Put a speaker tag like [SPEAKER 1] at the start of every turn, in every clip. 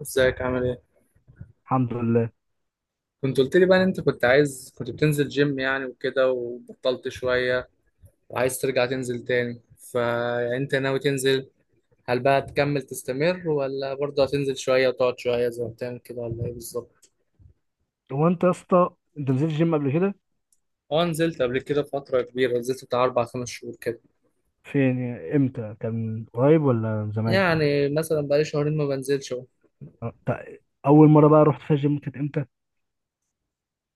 [SPEAKER 1] ازيك عامل ايه؟
[SPEAKER 2] الحمد لله.
[SPEAKER 1] كنت قلت لي بقى ان انت كنت بتنزل جيم يعني وكده وبطلت شوية، وعايز ترجع تنزل تاني، فانت ناوي تنزل. هل بقى تكمل تستمر ولا برضه هتنزل شوية وتقعد شوية زي ما بتعمل كده ولا ايه بالظبط؟
[SPEAKER 2] هو انت يا اسطى، انت نزلت الجيم قبل كده؟
[SPEAKER 1] اه، نزلت قبل كده فترة كبيرة، نزلت بتاع أربع خمس شهور كده.
[SPEAKER 2] فين يعني، امتى؟ كان قريب ولا من زمان؟
[SPEAKER 1] يعني مثلا بقالي شهرين ما بنزلش اهو.
[SPEAKER 2] اه، اول مره بقى رحت فيها الجيم كانت امتى؟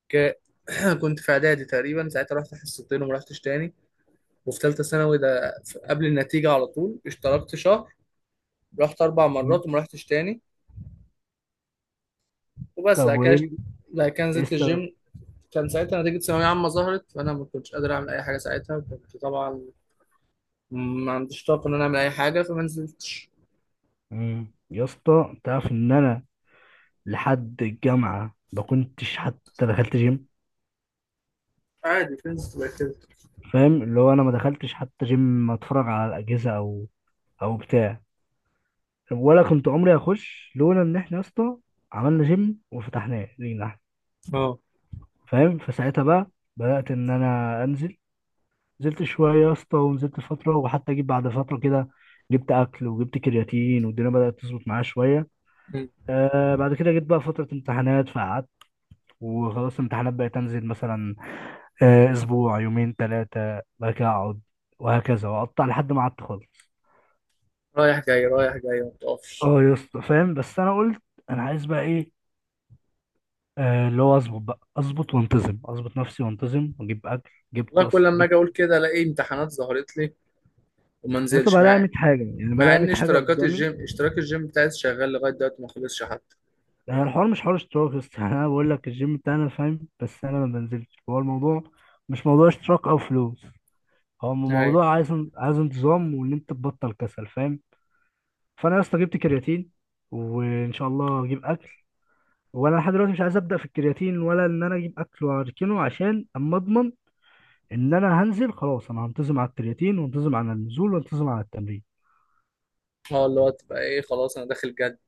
[SPEAKER 1] ك- كنت في إعدادي تقريبا، ساعتها رحت حصتين وما رحتش تاني. وفي تالتة ثانوي ده قبل النتيجة على طول اشتركت شهر، رحت أربع
[SPEAKER 2] مم.
[SPEAKER 1] مرات وما رحتش تاني. وبس
[SPEAKER 2] طب
[SPEAKER 1] بعد كده.
[SPEAKER 2] وايه
[SPEAKER 1] بعد كده
[SPEAKER 2] ايه
[SPEAKER 1] نزلت
[SPEAKER 2] السبب؟
[SPEAKER 1] الجيم. كان ساعتها نتيجة ثانوية عامة ظهرت، فأنا ما كنتش قادر أعمل أي حاجة ساعتها، كنت طبعا ما عنديش طاقة إن أنا أعمل أي حاجة، فما نزلتش.
[SPEAKER 2] مم. يا اسطى تعرف ان انا لحد الجامعه ما كنتش حتى دخلت جيم.
[SPEAKER 1] عادي نزلت بعد كده.
[SPEAKER 2] فاهم؟ اللي هو انا ما دخلتش حتى جيم اتفرج على الاجهزه او بتاع. ولا كنت عمري اخش لولا ان احنا يا اسطى عملنا جيم وفتحناه لينا احنا.
[SPEAKER 1] اه.
[SPEAKER 2] فاهم؟ فساعتها بقى بدات ان انا انزل. نزلت شوية يا اسطى ونزلت فترة، وحتى جيت بعد فترة كده، جبت أكل وجبت كرياتين والدنيا بدأت تظبط معايا شوية.
[SPEAKER 1] مم.
[SPEAKER 2] بعد كده جيت بقى فترة امتحانات فقعدت. وخلاص الامتحانات بقت أنزل مثلا أسبوع، يومين، ثلاثة، بعد كده أقعد، وهكذا وأقطع لحد ما قعدت خالص.
[SPEAKER 1] رايح جاي رايح جاي ما بتقفش.
[SPEAKER 2] اه يا اسطى، فاهم؟ بس أنا قلت أنا عايز بقى إيه؟ اللي هو أظبط بقى، أظبط وأنتظم، أظبط نفسي وأنتظم وأجيب أكل. جبت،
[SPEAKER 1] والله كل
[SPEAKER 2] أصل
[SPEAKER 1] لما
[SPEAKER 2] جبت
[SPEAKER 1] أجي أقول كده ألاقي امتحانات ظهرت لي وما
[SPEAKER 2] يا اسطى،
[SPEAKER 1] انزلش
[SPEAKER 2] بلاقي
[SPEAKER 1] مع،
[SPEAKER 2] 100 حاجة، يعني
[SPEAKER 1] مع
[SPEAKER 2] بلاقي 100
[SPEAKER 1] إن
[SPEAKER 2] حاجة قدامي.
[SPEAKER 1] اشتراك الجيم بتاعي شغال لغاية دلوقتي ما خلصش حتى.
[SPEAKER 2] يعني الحوار مش حوار اشتراك بس يعني انا بقول لك الجيم بتاعنا، فاهم؟ بس انا ما بنزلش. هو الموضوع مش موضوع اشتراك او فلوس، هو
[SPEAKER 1] ايوه.
[SPEAKER 2] موضوع عايز انتظام، وان انت تبطل كسل، فاهم؟ فانا يا اسطى جبت كرياتين، وان شاء الله اجيب اكل. وانا لحد دلوقتي مش عايز ابدا في الكرياتين، ولا ان انا اجيب اكل واركنه، عشان اما اضمن ان انا هنزل خلاص. انا هنتظم على الكرياتين وانتظم على النزول وانتظم على التمرين.
[SPEAKER 1] اه اللي هو تبقى إيه، خلاص أنا داخل جد.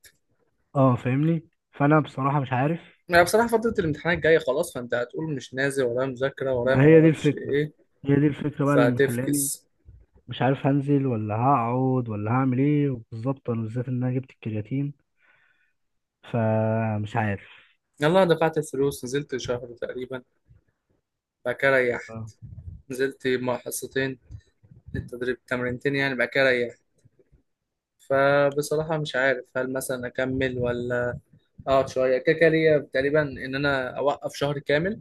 [SPEAKER 2] اه، فاهمني؟ فانا بصراحه مش عارف.
[SPEAKER 1] يعني بصراحة فترة الامتحانات جاية خلاص، فأنت هتقول مش نازل، ورايا مذاكرة ورايا
[SPEAKER 2] ما
[SPEAKER 1] ما
[SPEAKER 2] هي دي
[SPEAKER 1] أعرفش
[SPEAKER 2] الفكره،
[SPEAKER 1] إيه،
[SPEAKER 2] هي دي الفكره بقى اللي مخلاني
[SPEAKER 1] فتفكس.
[SPEAKER 2] مش عارف هنزل ولا هقعد ولا هعمل ايه بالظبط، انا بالذات ان انا جبت الكرياتين، فمش عارف.
[SPEAKER 1] يلا دفعت الفلوس، نزلت شهر تقريبا، بعد كده ريحت.
[SPEAKER 2] اه.
[SPEAKER 1] نزلت مع حصتين، التدريب تمرينتين يعني، بعد كده ريحت. فبصراحة مش عارف هل مثلا أكمل ولا أقعد شوية. كده كده ليا تقريبا إن أنا أوقف شهر كامل،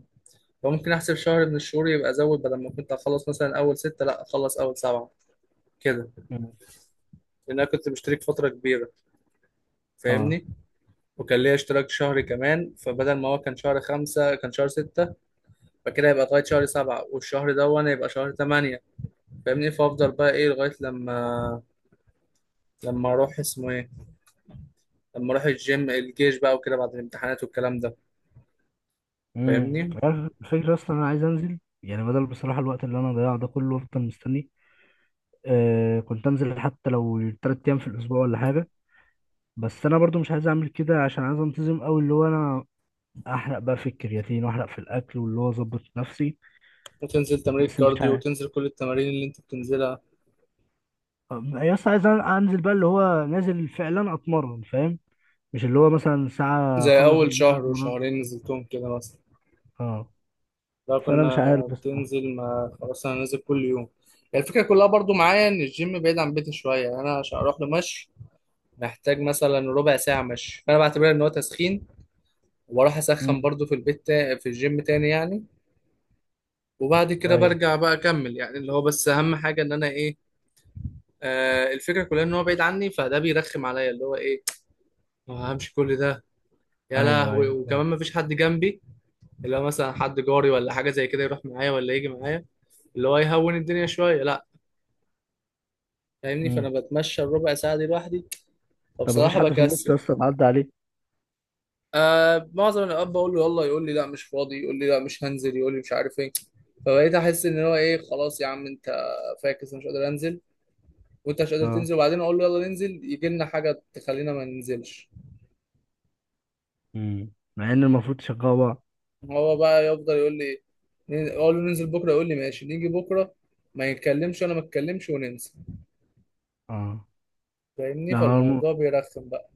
[SPEAKER 1] فممكن أحسب شهر من الشهور يبقى أزود، بدل ما كنت أخلص مثلا أول ستة، لأ أخلص أول سبعة كده.
[SPEAKER 2] مم.
[SPEAKER 1] لأن أنا كنت مشترك فترة كبيرة،
[SPEAKER 2] اه.
[SPEAKER 1] فاهمني. وكان ليا اشتراك شهر كمان، فبدل ما هو كان شهر خمسة كان شهر ستة، فكده يبقى لغاية شهر سبعة، والشهر ده وأنا يبقى شهر تمانية، فاهمني. فافضل بقى ايه لغايه لما، لما اروح اسمه ايه لما اروح الجيم، الجيش بقى، وكده بعد الامتحانات والكلام ده، فاهمني.
[SPEAKER 2] عارف الفكره، اصلا انا عايز انزل، يعني بدل بصراحه الوقت اللي انا ضيعه ده كله افضل مستني. كنت انزل حتى لو 3 ايام في الاسبوع ولا حاجه، بس انا برضو مش عايز اعمل كده، عشان عايز انتظم قوي، اللي هو انا احرق بقى في الكرياتين واحرق في الاكل، واللي هو اظبط نفسي.
[SPEAKER 1] وتنزل تمارين
[SPEAKER 2] بس مش
[SPEAKER 1] كارديو
[SPEAKER 2] عارف.
[SPEAKER 1] وتنزل كل التمارين اللي انت بتنزلها،
[SPEAKER 2] يا اسطى عايز انزل بقى اللي هو نازل فعلا اتمرن، فاهم؟ مش اللي هو مثلا ساعة
[SPEAKER 1] زي
[SPEAKER 2] أخلص
[SPEAKER 1] اول
[SPEAKER 2] اللي أنا
[SPEAKER 1] شهر
[SPEAKER 2] اتمرنت.
[SPEAKER 1] وشهرين نزلتهم كده مثلا.
[SPEAKER 2] اه،
[SPEAKER 1] لو
[SPEAKER 2] فأنا مش
[SPEAKER 1] كنا
[SPEAKER 2] عارف بصراحة.
[SPEAKER 1] بتنزل ما خلاص انا نازل كل يوم. يعني الفكره كلها برضو معايا ان الجيم بعيد عن بيتي شويه، يعني انا عشان اروح له مشي، محتاج مثلا ربع ساعه مشي، فانا بعتبرها ان هو تسخين، واروح اسخن
[SPEAKER 2] امم.
[SPEAKER 1] برضو في البيت، في الجيم تاني يعني. وبعد كده
[SPEAKER 2] أيوه،
[SPEAKER 1] برجع بقى اكمل، يعني اللي هو بس اهم حاجه ان انا ايه. الفكره كلها ان هو بعيد عني، فده بيرخم عليا اللي هو ايه، همشي كل ده، يا
[SPEAKER 2] أيوه،
[SPEAKER 1] لهوي،
[SPEAKER 2] أيوه.
[SPEAKER 1] وكمان ما فيش حد جنبي، اللي هو مثلا حد جاري ولا حاجه زي كده يروح معايا ولا يجي معايا، اللي هو يهون الدنيا شويه، لا، فاهمني.
[SPEAKER 2] امم
[SPEAKER 1] فانا بتمشى الربع ساعه دي لوحدي،
[SPEAKER 2] طب مفيش
[SPEAKER 1] فبصراحه
[SPEAKER 2] حد في النص
[SPEAKER 1] بكسل.
[SPEAKER 2] أصلا عدى عليه؟
[SPEAKER 1] معظم الاوقات بقول له يلا، يقول لي لا مش فاضي، يقول لي لا مش هنزل، يقول لي مش عارف ايه، فبقيت احس ان هو ايه، خلاص يا عم انت فاكس، أنا مش قادر انزل وانت مش قادر
[SPEAKER 2] اه.
[SPEAKER 1] تنزل. وبعدين اقول له يلا ننزل، يجي لنا حاجه تخلينا ما ننزلش.
[SPEAKER 2] مع إن المفروض تشغلوا بعض.
[SPEAKER 1] هو بقى يفضل يقول لي، اقول له ننزل بكره، يقول لي ماشي نيجي بكره، ما يتكلمش وانا ما اتكلمش وننسى،
[SPEAKER 2] اه.
[SPEAKER 1] فاهمني.
[SPEAKER 2] ده هو الم-
[SPEAKER 1] فالموضوع بيرخم بقى،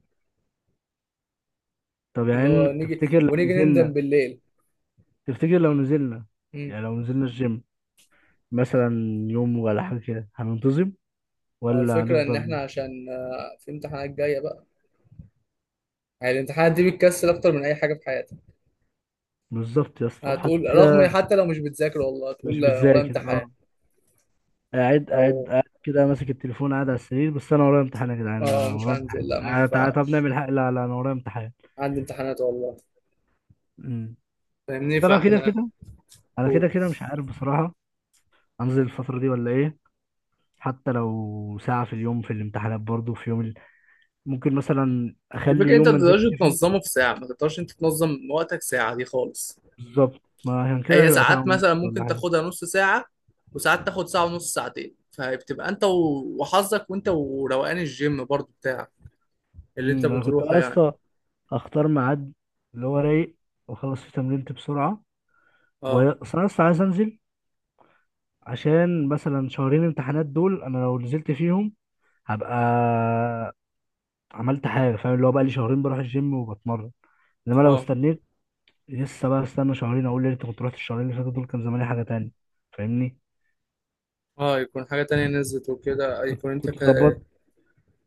[SPEAKER 2] طب
[SPEAKER 1] اللي
[SPEAKER 2] يعني،
[SPEAKER 1] هو نيجي
[SPEAKER 2] تفتكر لو
[SPEAKER 1] ونيجي نندم
[SPEAKER 2] نزلنا
[SPEAKER 1] بالليل.
[SPEAKER 2] تفتكر لو نزلنا
[SPEAKER 1] امم.
[SPEAKER 2] يعني لو نزلنا الجيم مثلا يوم ولا حاجة كده، هننتظم
[SPEAKER 1] هو
[SPEAKER 2] ولا
[SPEAKER 1] الفكره ان احنا
[SPEAKER 2] هنفضل؟
[SPEAKER 1] عشان في امتحانات جايه بقى، يعني الامتحانات دي بتكسل اكتر من اي حاجه في حياتك.
[SPEAKER 2] بالظبط يا اسطى،
[SPEAKER 1] هتقول رغم
[SPEAKER 2] وحتى
[SPEAKER 1] حتى لو مش بتذاكر والله هتقول
[SPEAKER 2] مش
[SPEAKER 1] لا انا ورايا
[SPEAKER 2] بتذاكر،
[SPEAKER 1] امتحان.
[SPEAKER 2] اه، قاعد
[SPEAKER 1] لو،
[SPEAKER 2] قاعد قاعد كده ماسك التليفون، قاعد على السرير، بس انا ورايا امتحان يا جدعان،
[SPEAKER 1] اه
[SPEAKER 2] انا
[SPEAKER 1] مش
[SPEAKER 2] ورايا امتحان،
[SPEAKER 1] هنزل لا ما
[SPEAKER 2] تعالى تعالى طب
[SPEAKER 1] ينفعش،
[SPEAKER 2] نعمل حق، لا لا انا ورايا امتحان.
[SPEAKER 1] عندي امتحانات والله،
[SPEAKER 2] أمم.
[SPEAKER 1] فاهمني.
[SPEAKER 2] بس انا كده
[SPEAKER 1] فاحنا
[SPEAKER 2] كده، انا كده كده مش عارف بصراحة انزل الفترة دي ولا ايه. حتى لو ساعة في اليوم في الامتحانات برضو. ممكن مثلا اخلي
[SPEAKER 1] الفكرة انت
[SPEAKER 2] يوم
[SPEAKER 1] ما
[SPEAKER 2] ما
[SPEAKER 1] تقدرش
[SPEAKER 2] انزلش فيه.
[SPEAKER 1] تنظمه في ساعة، ما تقدرش انت تنظم وقتك ساعة دي خالص.
[SPEAKER 2] بالظبط، ما عشان كده
[SPEAKER 1] هي
[SPEAKER 2] هيبقى ساعة
[SPEAKER 1] ساعات مثلا
[SPEAKER 2] ونص ولا
[SPEAKER 1] ممكن
[SPEAKER 2] حاجة.
[SPEAKER 1] تاخدها نص ساعة، وساعات تاخد ساعة ونص ساعتين، فبتبقى انت وحظك، وانت وروقان الجيم برضو بتاعك اللي انت
[SPEAKER 2] انا كنت
[SPEAKER 1] بتروحه يعني.
[SPEAKER 2] اصلا اختار ميعاد اللي هو رايق واخلص فيه تمرينتي بسرعة
[SPEAKER 1] اه.
[SPEAKER 2] بس انا اصلا عايز انزل، عشان مثلا شهرين امتحانات دول انا لو نزلت فيهم هبقى عملت حاجه. فاهم؟ اللي هو بقى لي شهرين بروح الجيم وبتمرن. انما لو
[SPEAKER 1] اه.
[SPEAKER 2] استنيت، لسه بقى استنى شهرين، اقول يا ريت كنت رحت الشهرين اللي فاتوا دول، كان زماني حاجه تانية. فاهمني؟
[SPEAKER 1] اه يكون حاجة تانية نزلت وكده، يكون
[SPEAKER 2] كنت
[SPEAKER 1] انت
[SPEAKER 2] كنت ظبطت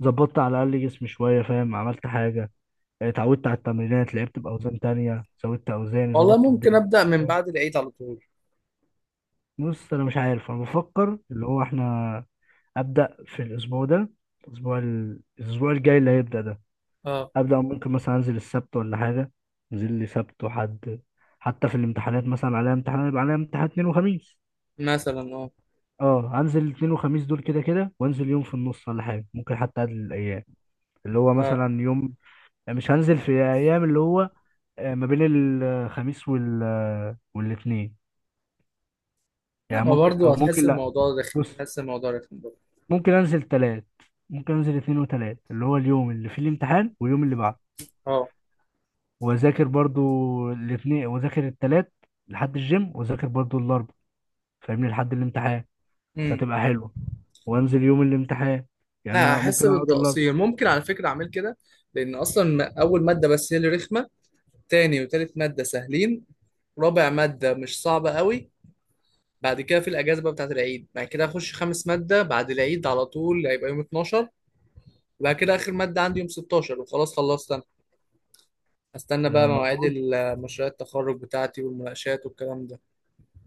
[SPEAKER 2] ظبطت على الاقل جسمي شويه، فاهم؟ عملت حاجه، اتعودت على التمرينات، لعبت باوزان تانية، زودت اوزاني،
[SPEAKER 1] والله
[SPEAKER 2] ظبطت
[SPEAKER 1] ممكن
[SPEAKER 2] الدنيا.
[SPEAKER 1] ابدأ من
[SPEAKER 2] فاهم؟
[SPEAKER 1] بعد العيد على طول.
[SPEAKER 2] بص انا مش عارف، انا بفكر اللي هو احنا ابدا في الاسبوع ده، الاسبوع الاسبوع الجاي اللي هيبدا ده،
[SPEAKER 1] اه.
[SPEAKER 2] ابدا، ممكن مثلا انزل السبت ولا حاجه، انزل لي سبت وحد. حتى في الامتحانات مثلا عليها امتحان، يبقى عليها امتحان اثنين وخميس.
[SPEAKER 1] مثلا اه.
[SPEAKER 2] اه، انزل اثنين وخميس دول كده كده، وانزل يوم في النص ولا حاجه، ممكن حتى اقلل الايام، اللي هو
[SPEAKER 1] اه
[SPEAKER 2] مثلا يوم. مش هنزل في ايام، اللي هو ما بين الخميس والاثنين.
[SPEAKER 1] لا
[SPEAKER 2] يعني
[SPEAKER 1] ما
[SPEAKER 2] ممكن
[SPEAKER 1] برضو
[SPEAKER 2] او
[SPEAKER 1] هتحس
[SPEAKER 2] ممكن لا.
[SPEAKER 1] الموضوع رخم،
[SPEAKER 2] بص
[SPEAKER 1] هتحس الموضوع رخم برضو.
[SPEAKER 2] ممكن انزل ثلاث، ممكن انزل اثنين وثلاث، اللي هو اليوم اللي فيه الامتحان واليوم اللي بعده،
[SPEAKER 1] اه
[SPEAKER 2] واذاكر برضو الاثنين، واذاكر التلات لحد الجيم، واذاكر برضو الاربع، فاهمني؟ لحد الامتحان فتبقى حلوه، وانزل يوم الامتحان. يعني
[SPEAKER 1] لا
[SPEAKER 2] أنا
[SPEAKER 1] هحس
[SPEAKER 2] ممكن اقعد الاربع.
[SPEAKER 1] بالتقصير. ممكن على فكرة أعمل كده، لأن أصلا أول مادة بس هي اللي رخمة، تاني وتالت مادة سهلين، رابع مادة مش صعبة قوي. بعد كده في الأجازة بقى بتاعت العيد، بعد كده هخش خامس مادة بعد العيد على طول، هيبقى يوم 12. وبعد كده آخر مادة عندي يوم 16 وخلاص، خلصت أنا. هستنى
[SPEAKER 2] يعني
[SPEAKER 1] بقى مواعيد
[SPEAKER 2] المفروض
[SPEAKER 1] مشاريع التخرج بتاعتي والمناقشات والكلام ده.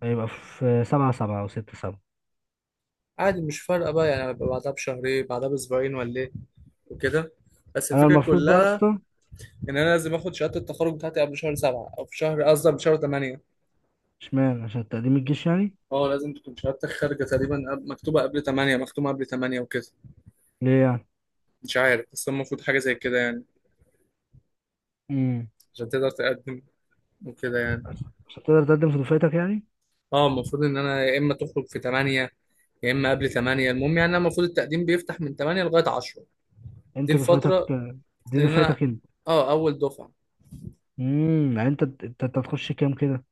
[SPEAKER 2] هيبقى في سبعة سبعة او ستة سبعة.
[SPEAKER 1] عادي مش فارقة بقى، يعني هبقى بعدها بشهرين، بعدها بأسبوعين ولا إيه وكده. بس
[SPEAKER 2] انا
[SPEAKER 1] الفكرة
[SPEAKER 2] المفروض بقى
[SPEAKER 1] كلها،
[SPEAKER 2] اصلا
[SPEAKER 1] يعني انا لازم اخد شهاده التخرج بتاعتي قبل شهر سبعة، او في شهر قصدي قبل شهر 8.
[SPEAKER 2] اشمعنى، عشان تقديم الجيش يعني؟
[SPEAKER 1] اه لازم تكون شهادتك خارجه تقريبا، مكتوبه قبل 8، مختومه قبل 8 وكده.
[SPEAKER 2] ليه يعني؟
[SPEAKER 1] مش عارف بس هو المفروض حاجه زي كده يعني،
[SPEAKER 2] امم
[SPEAKER 1] عشان تقدر تقدم وكده يعني.
[SPEAKER 2] عشان تقدر تقدم في دفعتك يعني؟
[SPEAKER 1] اه المفروض ان انا يا اما تخرج في 8، يا اما قبل 8. المهم يعني انا المفروض التقديم بيفتح من 8 لغايه 10، دي
[SPEAKER 2] انت دفعتك
[SPEAKER 1] الفتره
[SPEAKER 2] دي
[SPEAKER 1] اللي انا،
[SPEAKER 2] دفعتك انت.
[SPEAKER 1] اه اول دفعه.
[SPEAKER 2] يعني انت انت أنت هتخش كام كده؟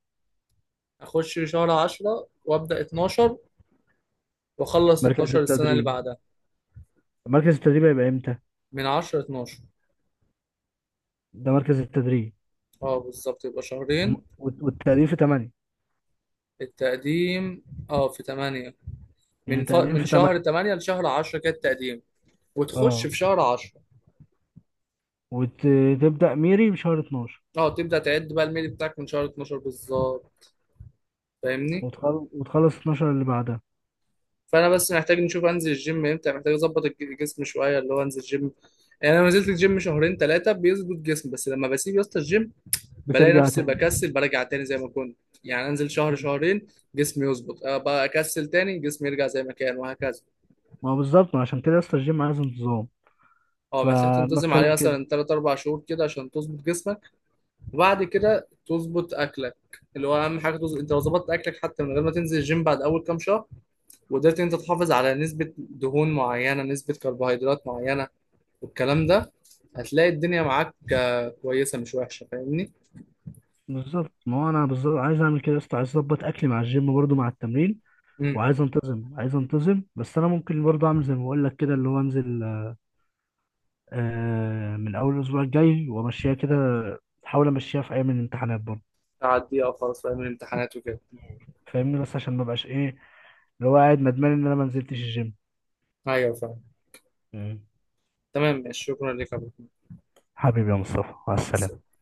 [SPEAKER 1] اخش شهر 10 وابدا 12، واخلص
[SPEAKER 2] مركز
[SPEAKER 1] 12 السنه اللي
[SPEAKER 2] التدريب
[SPEAKER 1] بعدها.
[SPEAKER 2] مركز التدريب هيبقى امتى؟
[SPEAKER 1] من 10 ل 12.
[SPEAKER 2] ده مركز التدريب.
[SPEAKER 1] اه بالظبط يبقى شهرين.
[SPEAKER 2] والتقديم في 8؟
[SPEAKER 1] التقديم اه في 8،
[SPEAKER 2] يعني تقديم
[SPEAKER 1] من
[SPEAKER 2] في
[SPEAKER 1] شهر
[SPEAKER 2] 8.
[SPEAKER 1] 8 لشهر 10 كده التقديم. وتخش
[SPEAKER 2] اه،
[SPEAKER 1] في شهر 10.
[SPEAKER 2] وتبدأ ميري بشهر 12.
[SPEAKER 1] اه تبدأ تعد بقى الميل بتاعك من شهر 12 بالظبط، فاهمني.
[SPEAKER 2] وتخلص 12 اللي بعدها.
[SPEAKER 1] فانا بس محتاج نشوف انزل الجيم امتى، محتاج اظبط الجسم شويه، اللي هو انزل الجيم. يعني انا لما نزلت الجيم شهرين ثلاثه بيظبط جسمي، بس لما بسيب يا اسطى الجيم، بلاقي
[SPEAKER 2] بترجع
[SPEAKER 1] نفسي
[SPEAKER 2] تاني.
[SPEAKER 1] بكسل برجع تاني زي ما كنت. يعني انزل شهر شهرين جسمي يظبط، بقى اكسل تاني جسمي يرجع زي ما كان، وهكذا.
[SPEAKER 2] ما هو بالظبط، ما عشان كده يا اسطى الجيم عايز انتظام،
[SPEAKER 1] اه محتاج
[SPEAKER 2] فانا
[SPEAKER 1] تنتظم عليه
[SPEAKER 2] بتكلم كده.
[SPEAKER 1] مثلا 3 4 شهور كده عشان تظبط جسمك. وبعد كده تظبط اكلك، اللي هو اهم حاجه. تظبط انت لو ظبطت اكلك حتى من غير ما تنزل الجيم، بعد اول كام شهر. وقدرت إن انت تحافظ على نسبه دهون معينه، نسبه كربوهيدرات معينه والكلام ده، هتلاقي الدنيا معاك كويسه مش وحشه، فاهمني.
[SPEAKER 2] بالظبط، ما هو انا بالظبط عايز اعمل كده يا اسطى. عايز اظبط اكلي مع الجيم برضو، مع التمرين.
[SPEAKER 1] امم.
[SPEAKER 2] وعايز انتظم، عايز انتظم، بس انا ممكن برضو اعمل زي ما بقول لك كده، اللي هو انزل من اول الاسبوع الجاي، وامشيها كده، احاول امشيها في ايام الامتحانات برضو.
[SPEAKER 1] تعديها خلاص فاهم، الامتحانات وكده.
[SPEAKER 2] فاهمني؟ بس عشان ما بقاش ايه اللي هو قاعد ندمان ان انا ما نزلتش الجيم.
[SPEAKER 1] ايوه فاهم.
[SPEAKER 2] مم.
[SPEAKER 1] تمام ماشي، شكرا لك يا أبو. حميد.
[SPEAKER 2] حبيبي يا مصطفى، مع
[SPEAKER 1] مع
[SPEAKER 2] السلامة.
[SPEAKER 1] السلامه.